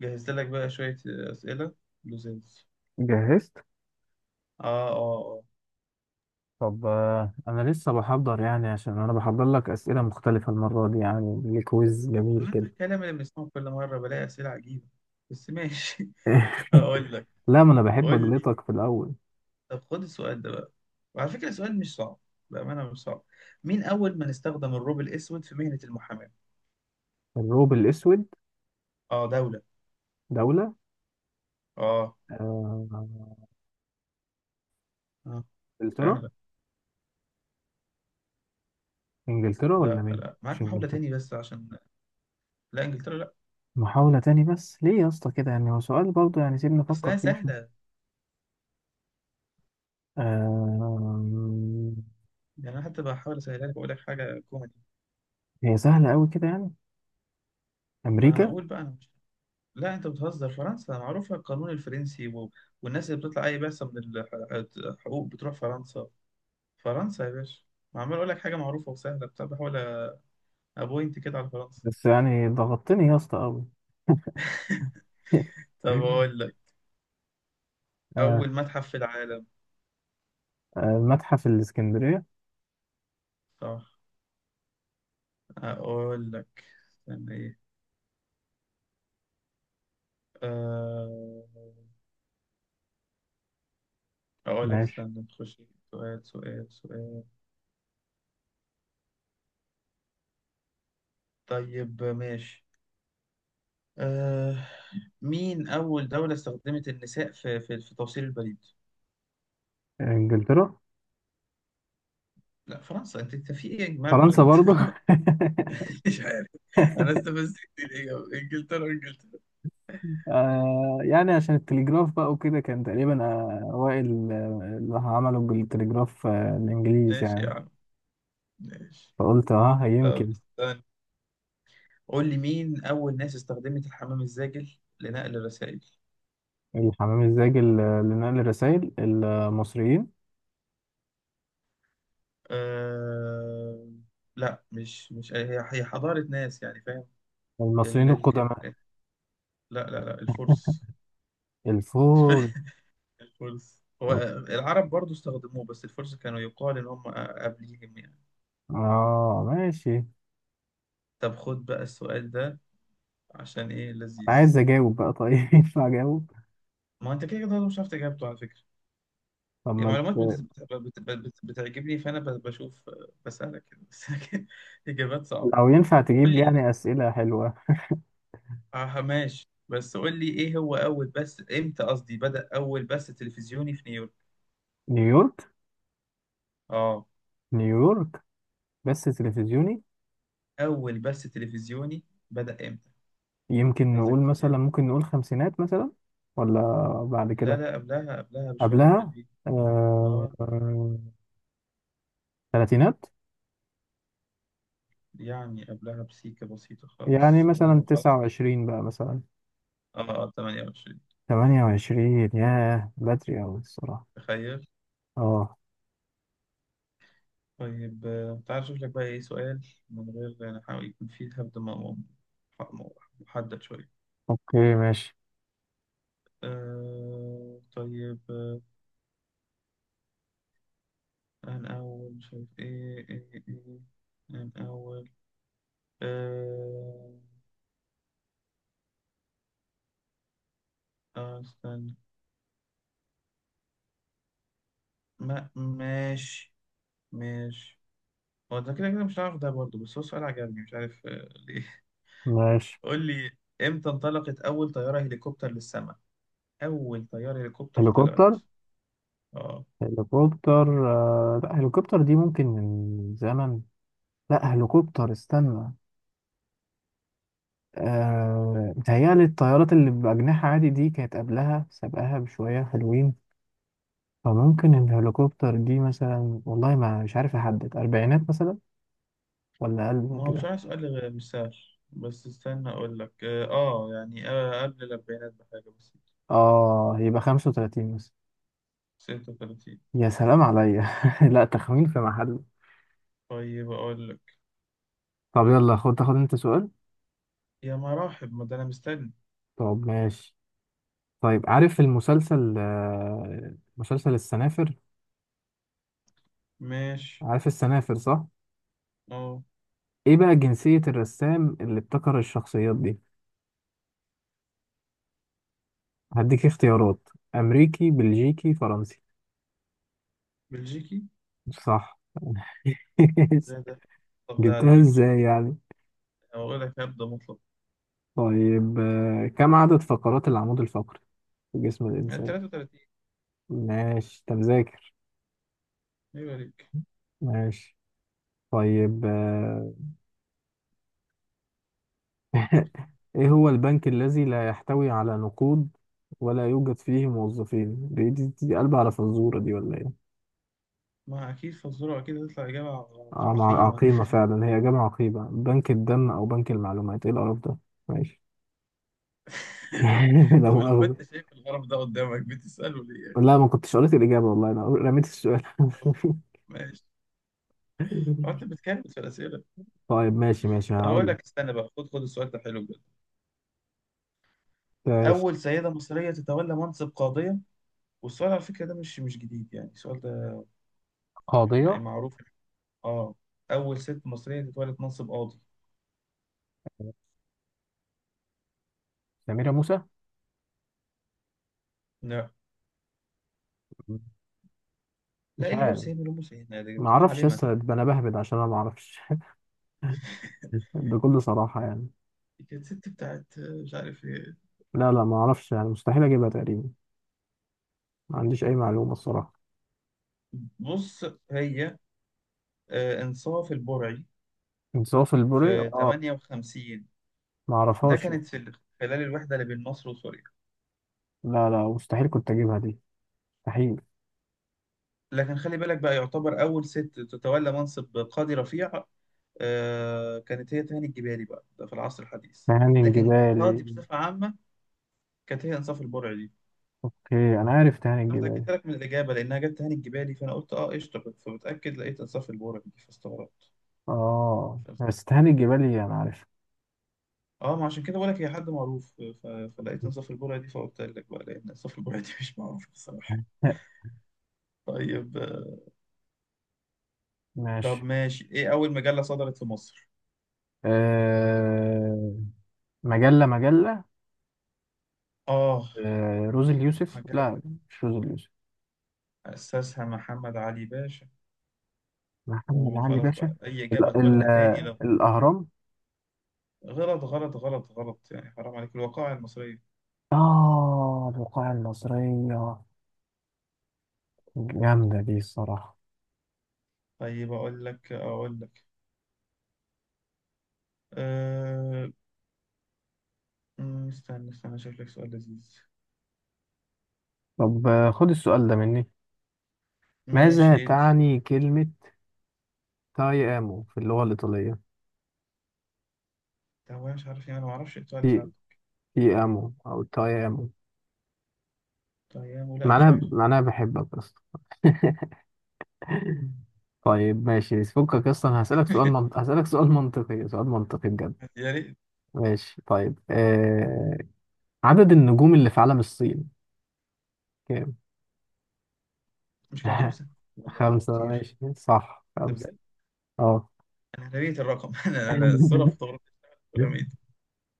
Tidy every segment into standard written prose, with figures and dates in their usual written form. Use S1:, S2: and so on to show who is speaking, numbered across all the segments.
S1: جهزت لك بقى شوية أسئلة لزاز.
S2: جهزت.
S1: آه. آه.
S2: طب، انا لسه بحضر يعني، عشان انا بحضر لك اسئله مختلفه المره دي، يعني ليه كويز
S1: آه،
S2: جميل
S1: أنت
S2: كده.
S1: الكلام اللي بنسمعه كل مرة بلاقي أسئلة عجيبة، بس ماشي. هقول لك.
S2: لا، ما انا بحب
S1: قول لي.
S2: اجلطك في الاول.
S1: طب خد السؤال ده بقى، وعلى فكرة السؤال مش صعب، بأمانة مش صعب. مين أول من استخدم الروب الأسود في مهنة المحاماة؟
S2: الروب الاسود.
S1: آه، دولة.
S2: دوله.
S1: آه.
S2: آه،
S1: آه.
S2: انجلترا.
S1: سهلة.
S2: انجلترا ولا
S1: لا
S2: مين؟
S1: لا،
S2: مش
S1: معاك محاولة
S2: انجلترا؟
S1: تاني بس عشان. لا، إنجلترا لا.
S2: محاوله تاني، بس ليه يا اسطى كده؟ يعني هو سؤال برضه، يعني سيبني افكر
S1: أصلها
S2: فيه شويه.
S1: سهلة.
S2: آه،
S1: يعني أنا حتى بحاول أسهلها لك وأقول لك حاجة كوميدي.
S2: هي سهله قوي كده يعني؟
S1: ما
S2: امريكا.
S1: أقول بقى أنا. لا انت بتهزر، فرنسا معروفه، القانون الفرنسي، و... والناس اللي بتطلع اي بعثه من الحقوق بتروح فرنسا. فرنسا يا باشا. ما عمال اقول لك حاجه معروفه وسهله، بتاع بحاول ابوينت كده على فرنسا.
S2: بس يعني ضغطتني يا اسطى قوي.
S1: طب اقول لك،
S2: آه،
S1: اول متحف في العالم.
S2: متحف الاسكندريه.
S1: صح. اقول لك استنى ايه. أه... اقول لك
S2: ماشي.
S1: استنى نخش سؤال سؤال سؤال. طيب ماشي. أه... مين اول دوله استخدمت النساء في توصيل البريد؟
S2: انجلترا.
S1: لا، فرنسا. انت في ايه يا جماعه؟
S2: فرنسا برضو.
S1: مش عارف. انا استفزت كتير، ايه؟ انجلترا انجلترا.
S2: يعني عشان التليجراف بقى وكده، كان تقريبا اوائل، اللي عملوا بالتليجراف الانجليز
S1: ماشي يا
S2: يعني.
S1: عم، ماشي.
S2: فقلت اه،
S1: طب
S2: يمكن.
S1: استنى، قول لي، مين اول ناس استخدمت الحمام الزاجل لنقل الرسائل؟
S2: الحمام الزاجل، لنقل الرسائل، المصريين.
S1: أه... لا، مش هي حضارة ناس، يعني فاهم. ال...
S2: المصريين
S1: ال...
S2: القدماء.
S1: ال... لا لا لا، الفرس.
S2: الفور.
S1: الفرس هو. العرب برضو استخدموه، بس الفرس كانوا يقال ان هم قبليهم يعني.
S2: اه، ماشي.
S1: طب خد بقى السؤال ده، عشان ايه لذيذ.
S2: عايز اجاوب بقى، طيب؟ ينفع اجاوب؟
S1: ما هو انت كده كده مش عارف اجابته على فكرة.
S2: طب
S1: هي
S2: ما
S1: معلومات
S2: انت،
S1: بتعجبني، فانا بشوف بسألك كده بس، لكن اجابات صعبه.
S2: لو ينفع
S1: قول
S2: تجيب
S1: لي.
S2: لي يعني اسئله حلوه.
S1: اه ماشي، بس قول لي ايه هو اول بث، امتى قصدي بدأ اول بث تلفزيوني في نيويورك؟
S2: نيويورك.
S1: اه.
S2: نيويورك، بس تلفزيوني؟
S1: اول بث تلفزيوني، بدأ امتى؟
S2: يمكن نقول
S1: عايزك.
S2: مثلا، ممكن نقول خمسينات مثلا؟ ولا بعد
S1: لا
S2: كده؟
S1: لا، قبلها قبلها بشويه
S2: قبلها.
S1: حلوين.
S2: آه،
S1: اه،
S2: آه، تلاتينات.
S1: يعني قبلها بسيكه بسيطه
S2: يعني
S1: خالص
S2: مثلا تسعة
S1: وخلاص.
S2: وعشرين بقى مثلا.
S1: اه، 28.
S2: 28؟ ياه، بدري أوي الصراحة.
S1: تخيل.
S2: اه.
S1: طيب، تعال أشوف لك بقى إيه سؤال، من غير نحاول يكون فيه هبد، م- محدد شوية.
S2: اوكي ماشي.
S1: أه طيب آه، أنا أول شايف إيه إيه إيه. أنا أول. أه آه، استنى. ما ماشي ماشي. هو ده كده كده مش عارف، ده برضه بس هو سؤال عجبني، مش عارف ليه.
S2: ماشي.
S1: قول لي. إمتى انطلقت أول طيارة هليكوبتر للسماء؟ أول طيارة هليكوبتر طلعت.
S2: هليكوبتر.
S1: آه.
S2: هليكوبتر. لا، هليكوبتر دي ممكن من زمن. لا، هليكوبتر، استنى. متهيألي الطيارات اللي بأجنحة عادي دي كانت قبلها، سابقاها بشوية حلوين. فممكن الهليكوبتر دي مثلا، والله ما مش عارف أحدد، أربعينات مثلا؟ ولا أقل من
S1: ما هو
S2: كده؟
S1: بصراحة سؤال مش سهل. بس استنى أقول لك، قبل الأربعينات بحاجة بسيطة.
S2: يبقى 35 مثلا.
S1: 36.
S2: يا سلام عليا. لا، تخمين في محله.
S1: طيب أقول لك.
S2: طب يلا، خد، تاخد أنت سؤال.
S1: يا مراحب، ما ده أنا مستني.
S2: طب ماشي. طيب، عارف المسلسل، مسلسل السنافر؟
S1: ماشي.
S2: عارف السنافر صح؟
S1: أه،
S2: إيه بقى جنسية الرسام اللي ابتكر الشخصيات دي؟ هديك اختيارات: أمريكي، بلجيكي، فرنسي.
S1: بلجيكي.
S2: صح.
S1: ده ده طب ده على
S2: جبتها
S1: فكرة،
S2: ازاي يعني؟
S1: أقول لك هبدأ مطلق.
S2: طيب، كم عدد فقرات العمود الفقري في جسم
S1: يعني
S2: الإنسان؟
S1: 33.
S2: ماشي، أنت مذاكر.
S1: أيوة ليك.
S2: ماشي. طيب. إيه هو البنك الذي لا يحتوي على نقود ولا يوجد فيه موظفين؟ دي قلبة على فزورة دي ولا إيه؟
S1: ما أكيد فزورة، أكيد هتطلع إجابة
S2: مع
S1: عقيمة.
S2: عقيمة فعلا، هي جامعة عقيمة، بنك الدم أو بنك المعلومات، إيه القرف ده؟ ماشي. لا
S1: طب لو
S2: مؤاخذة.
S1: أنت شايف القرف ده قدامك بتسأله ليه يا أخي؟
S2: لا، ما كنتش قريت الإجابة والله، أنا رميت السؤال.
S1: طب ماشي. هو أنت بتكلم في الأسئلة.
S2: طيب. ماشي ماشي،
S1: طب أقول
S2: هقول لك.
S1: لك، استنى بقى، خد السؤال ده حلو.
S2: ماشي.
S1: أول سيدة مصرية تتولى منصب قاضية، والسؤال على فكرة ده مش جديد، يعني السؤال ده يعني
S2: قاضية.
S1: معروف. آه. أول ست مصرية تتولى منصب قاضي.
S2: سميرة موسى.
S1: لا. لا، إيه
S2: مش
S1: اللي جاب
S2: عارف،
S1: سيدنا لأم سيدنا، دي
S2: ما
S1: كانت
S2: اعرفش يا
S1: عالمة.
S2: اسطى، ده انا بهبد عشان انا ما اعرفش. بكل صراحة يعني.
S1: دي كانت ست بتاعت مش عارف إيه.
S2: لا لا، ما اعرفش يعني، مستحيل اجيبها تقريبا. ما عنديش اي معلومة الصراحة.
S1: بص. هي، إنصاف البرعي.
S2: انصاف البوري.
S1: في
S2: اه،
S1: 58.
S2: ما
S1: ده
S2: اعرفهاش.
S1: كانت في خلال الوحدة اللي بين مصر وسوريا.
S2: لا لا، مستحيل كنت اجيبها دي، مستحيل.
S1: لكن خلي بالك بقى، يعتبر أول ست تتولى منصب قاضي رفيع كانت هي تهاني الجبالي بقى، ده في العصر الحديث.
S2: تهاني
S1: لكن
S2: الجبالي.
S1: قاضي بصفة عامة كانت هي إنصاف البرعي دي.
S2: اوكي، انا عارف تهاني
S1: أنا
S2: الجبالي.
S1: متأكدت لك من الإجابة لأنها جت تهاني الجبالي، فأنا قلت أه قشطة، فبتأكد لقيت إنصاف البرعي دي فاستغربت.
S2: اه، بس تهاني الجبالي انا عارف.
S1: أه، ما عشان كده بقول لك هي حد معروف. فلقيت إنصاف البرعي دي، فقلت لك بقى لأن إنصاف البرعي دي مش معروف بصراحة. طيب آه، طب
S2: ماشي.
S1: ماشي، إيه أول مجلة صدرت في مصر؟
S2: آه... مجلة، مجلة.
S1: آه،
S2: روز اليوسف؟
S1: مجلة
S2: لا، مش روز اليوسف.
S1: أسسها محمد علي باشا،
S2: محمد علي
S1: وخلاص
S2: باشا.
S1: بقى أي
S2: ال
S1: إجابة
S2: ال
S1: تقولها تاني.
S2: الأهرام
S1: غلط غلط غلط غلط، يعني حرام عليك، الوقائع المصرية.
S2: الوقاية المصرية. جامدة دي الصراحة.
S1: طيب أقول لك أقول لك. أه... أمم، استنى استنى أشوف لك سؤال لذيذ.
S2: طب، خد السؤال ده مني. ماذا
S1: ماشي، إدي.
S2: تعني كلمة تايامو في اللغة الإيطالية؟
S1: طب أنا مش عارف، يعني أنا ما أعرفش إيه السؤال ساعات.
S2: تي تيامو أو تايامو.
S1: طيب، ولا مش
S2: معناها
S1: عارف.
S2: معناها بحبك أصلا. طيب ماشي، فكك أصلا. هسألك سؤال منطقي، سؤال منطقي بجد.
S1: يا ريت.
S2: ماشي. طيب. عدد النجوم اللي في علم الصين كام؟
S1: مش كانوا خمسة؟ ولا كانوا
S2: خمسة؟
S1: كتير؟
S2: ماشي صح،
S1: ده
S2: خمسة.
S1: بجد؟
S2: اه.
S1: أنا رميت الرقم. أنا الصورة في فوتوغرافية. رميت.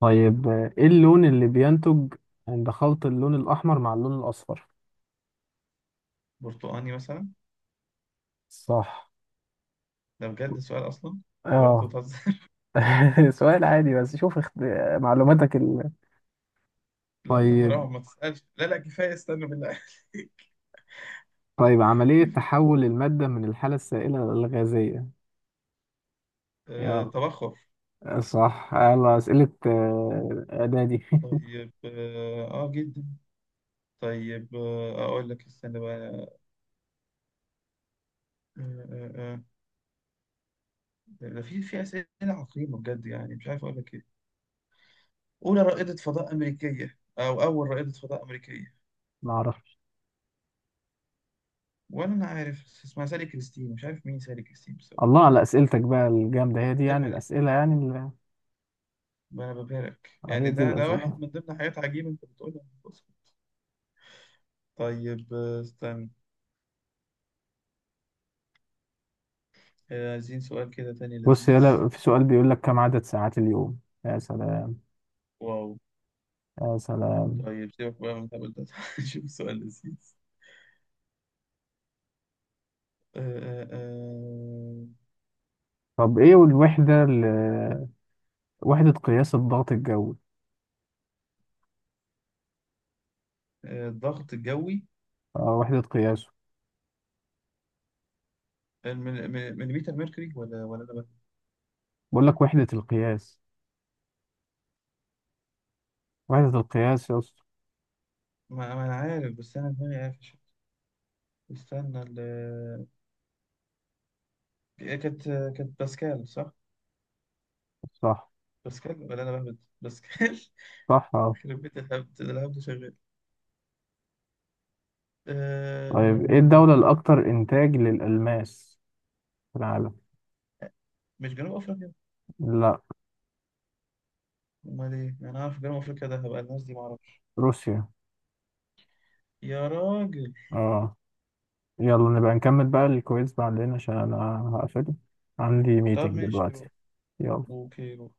S2: طيب، ايه اللون اللي بينتج عند خلط اللون الأحمر مع اللون الأصفر؟
S1: برتقاني مثلا.
S2: صح.
S1: ده بجد السؤال أصلا؟ ولا أنت
S2: اه.
S1: بتهزر؟
S2: سؤال عادي، بس شوف معلوماتك.
S1: لا ده
S2: طيب.
S1: حرام، ما تسألش، لا لا كفاية، استنى بالله عليك.
S2: طيب، عملية
S1: كفاية.
S2: تحول المادة من الحالة السائلة للغازية. يلا.
S1: تبخر.
S2: صح، يلا أسئلة إعدادي.
S1: طيب، اه، جدا. طيب، اقول لك استنى بقى. آه، آه. ده في اسئله عقيمه بجد، يعني مش عارف اقول لك ايه. اولى رائده فضاء امريكيه، او اول رائده فضاء امريكيه.
S2: معرفش.
S1: وانا ما عارف اسمها، سالي كريستين، مش عارف مين سالي كريستين بس.
S2: الله على أسئلتك بقى الجامدة، هي دي
S1: عيب
S2: يعني
S1: عليك.
S2: الأسئلة، يعني.
S1: ما انا ببهرك
S2: هي
S1: يعني،
S2: دي
S1: ده
S2: الأسئلة.
S1: واحد من ضمن حاجات عجيبه انت بتقولها. بص. استنى، عايزين سؤال كده تاني
S2: بص
S1: لذيذ.
S2: يلا، في سؤال بيقول لك كم عدد ساعات اليوم. يا سلام.
S1: واو.
S2: يا سلام.
S1: طيب سيبك بقى من الهبل ده، شوف سؤال لذيذ. آه، آه، آه.
S2: طب ايه الوحدة، وحدة قياس الضغط الجوي؟
S1: الضغط الجوي.
S2: اه، وحدة قياسه.
S1: مليمتر ميركوري، ولا انا
S2: بقول لك وحدة القياس. وحدة القياس يا اسطى.
S1: ما انا عارف، بس انا دماغي قافش. استنى ال آه، كانت، كانت باسكال صح؟
S2: صح.
S1: باسكال، ولا انا بهبد؟ باسكال.
S2: صح. اه.
S1: يخرب بيت الهبد ده، الهبد شغال.
S2: طيب، ايه
S1: آه،
S2: الدولة الأكثر إنتاج للألماس في العالم؟
S1: مش جنوب افريقيا؟
S2: لا.
S1: امال ايه؟ انا عارف جنوب افريقيا، ده هبقى الناس دي ما اعرفش.
S2: روسيا.
S1: يا راجل.
S2: اه. يلا، نبقى نكمل بقى الكويز بعدين، عشان انا هقفل، عندي
S1: طب
S2: ميتنج
S1: ماشي، روح.
S2: دلوقتي. يلا.
S1: اوكي، روح.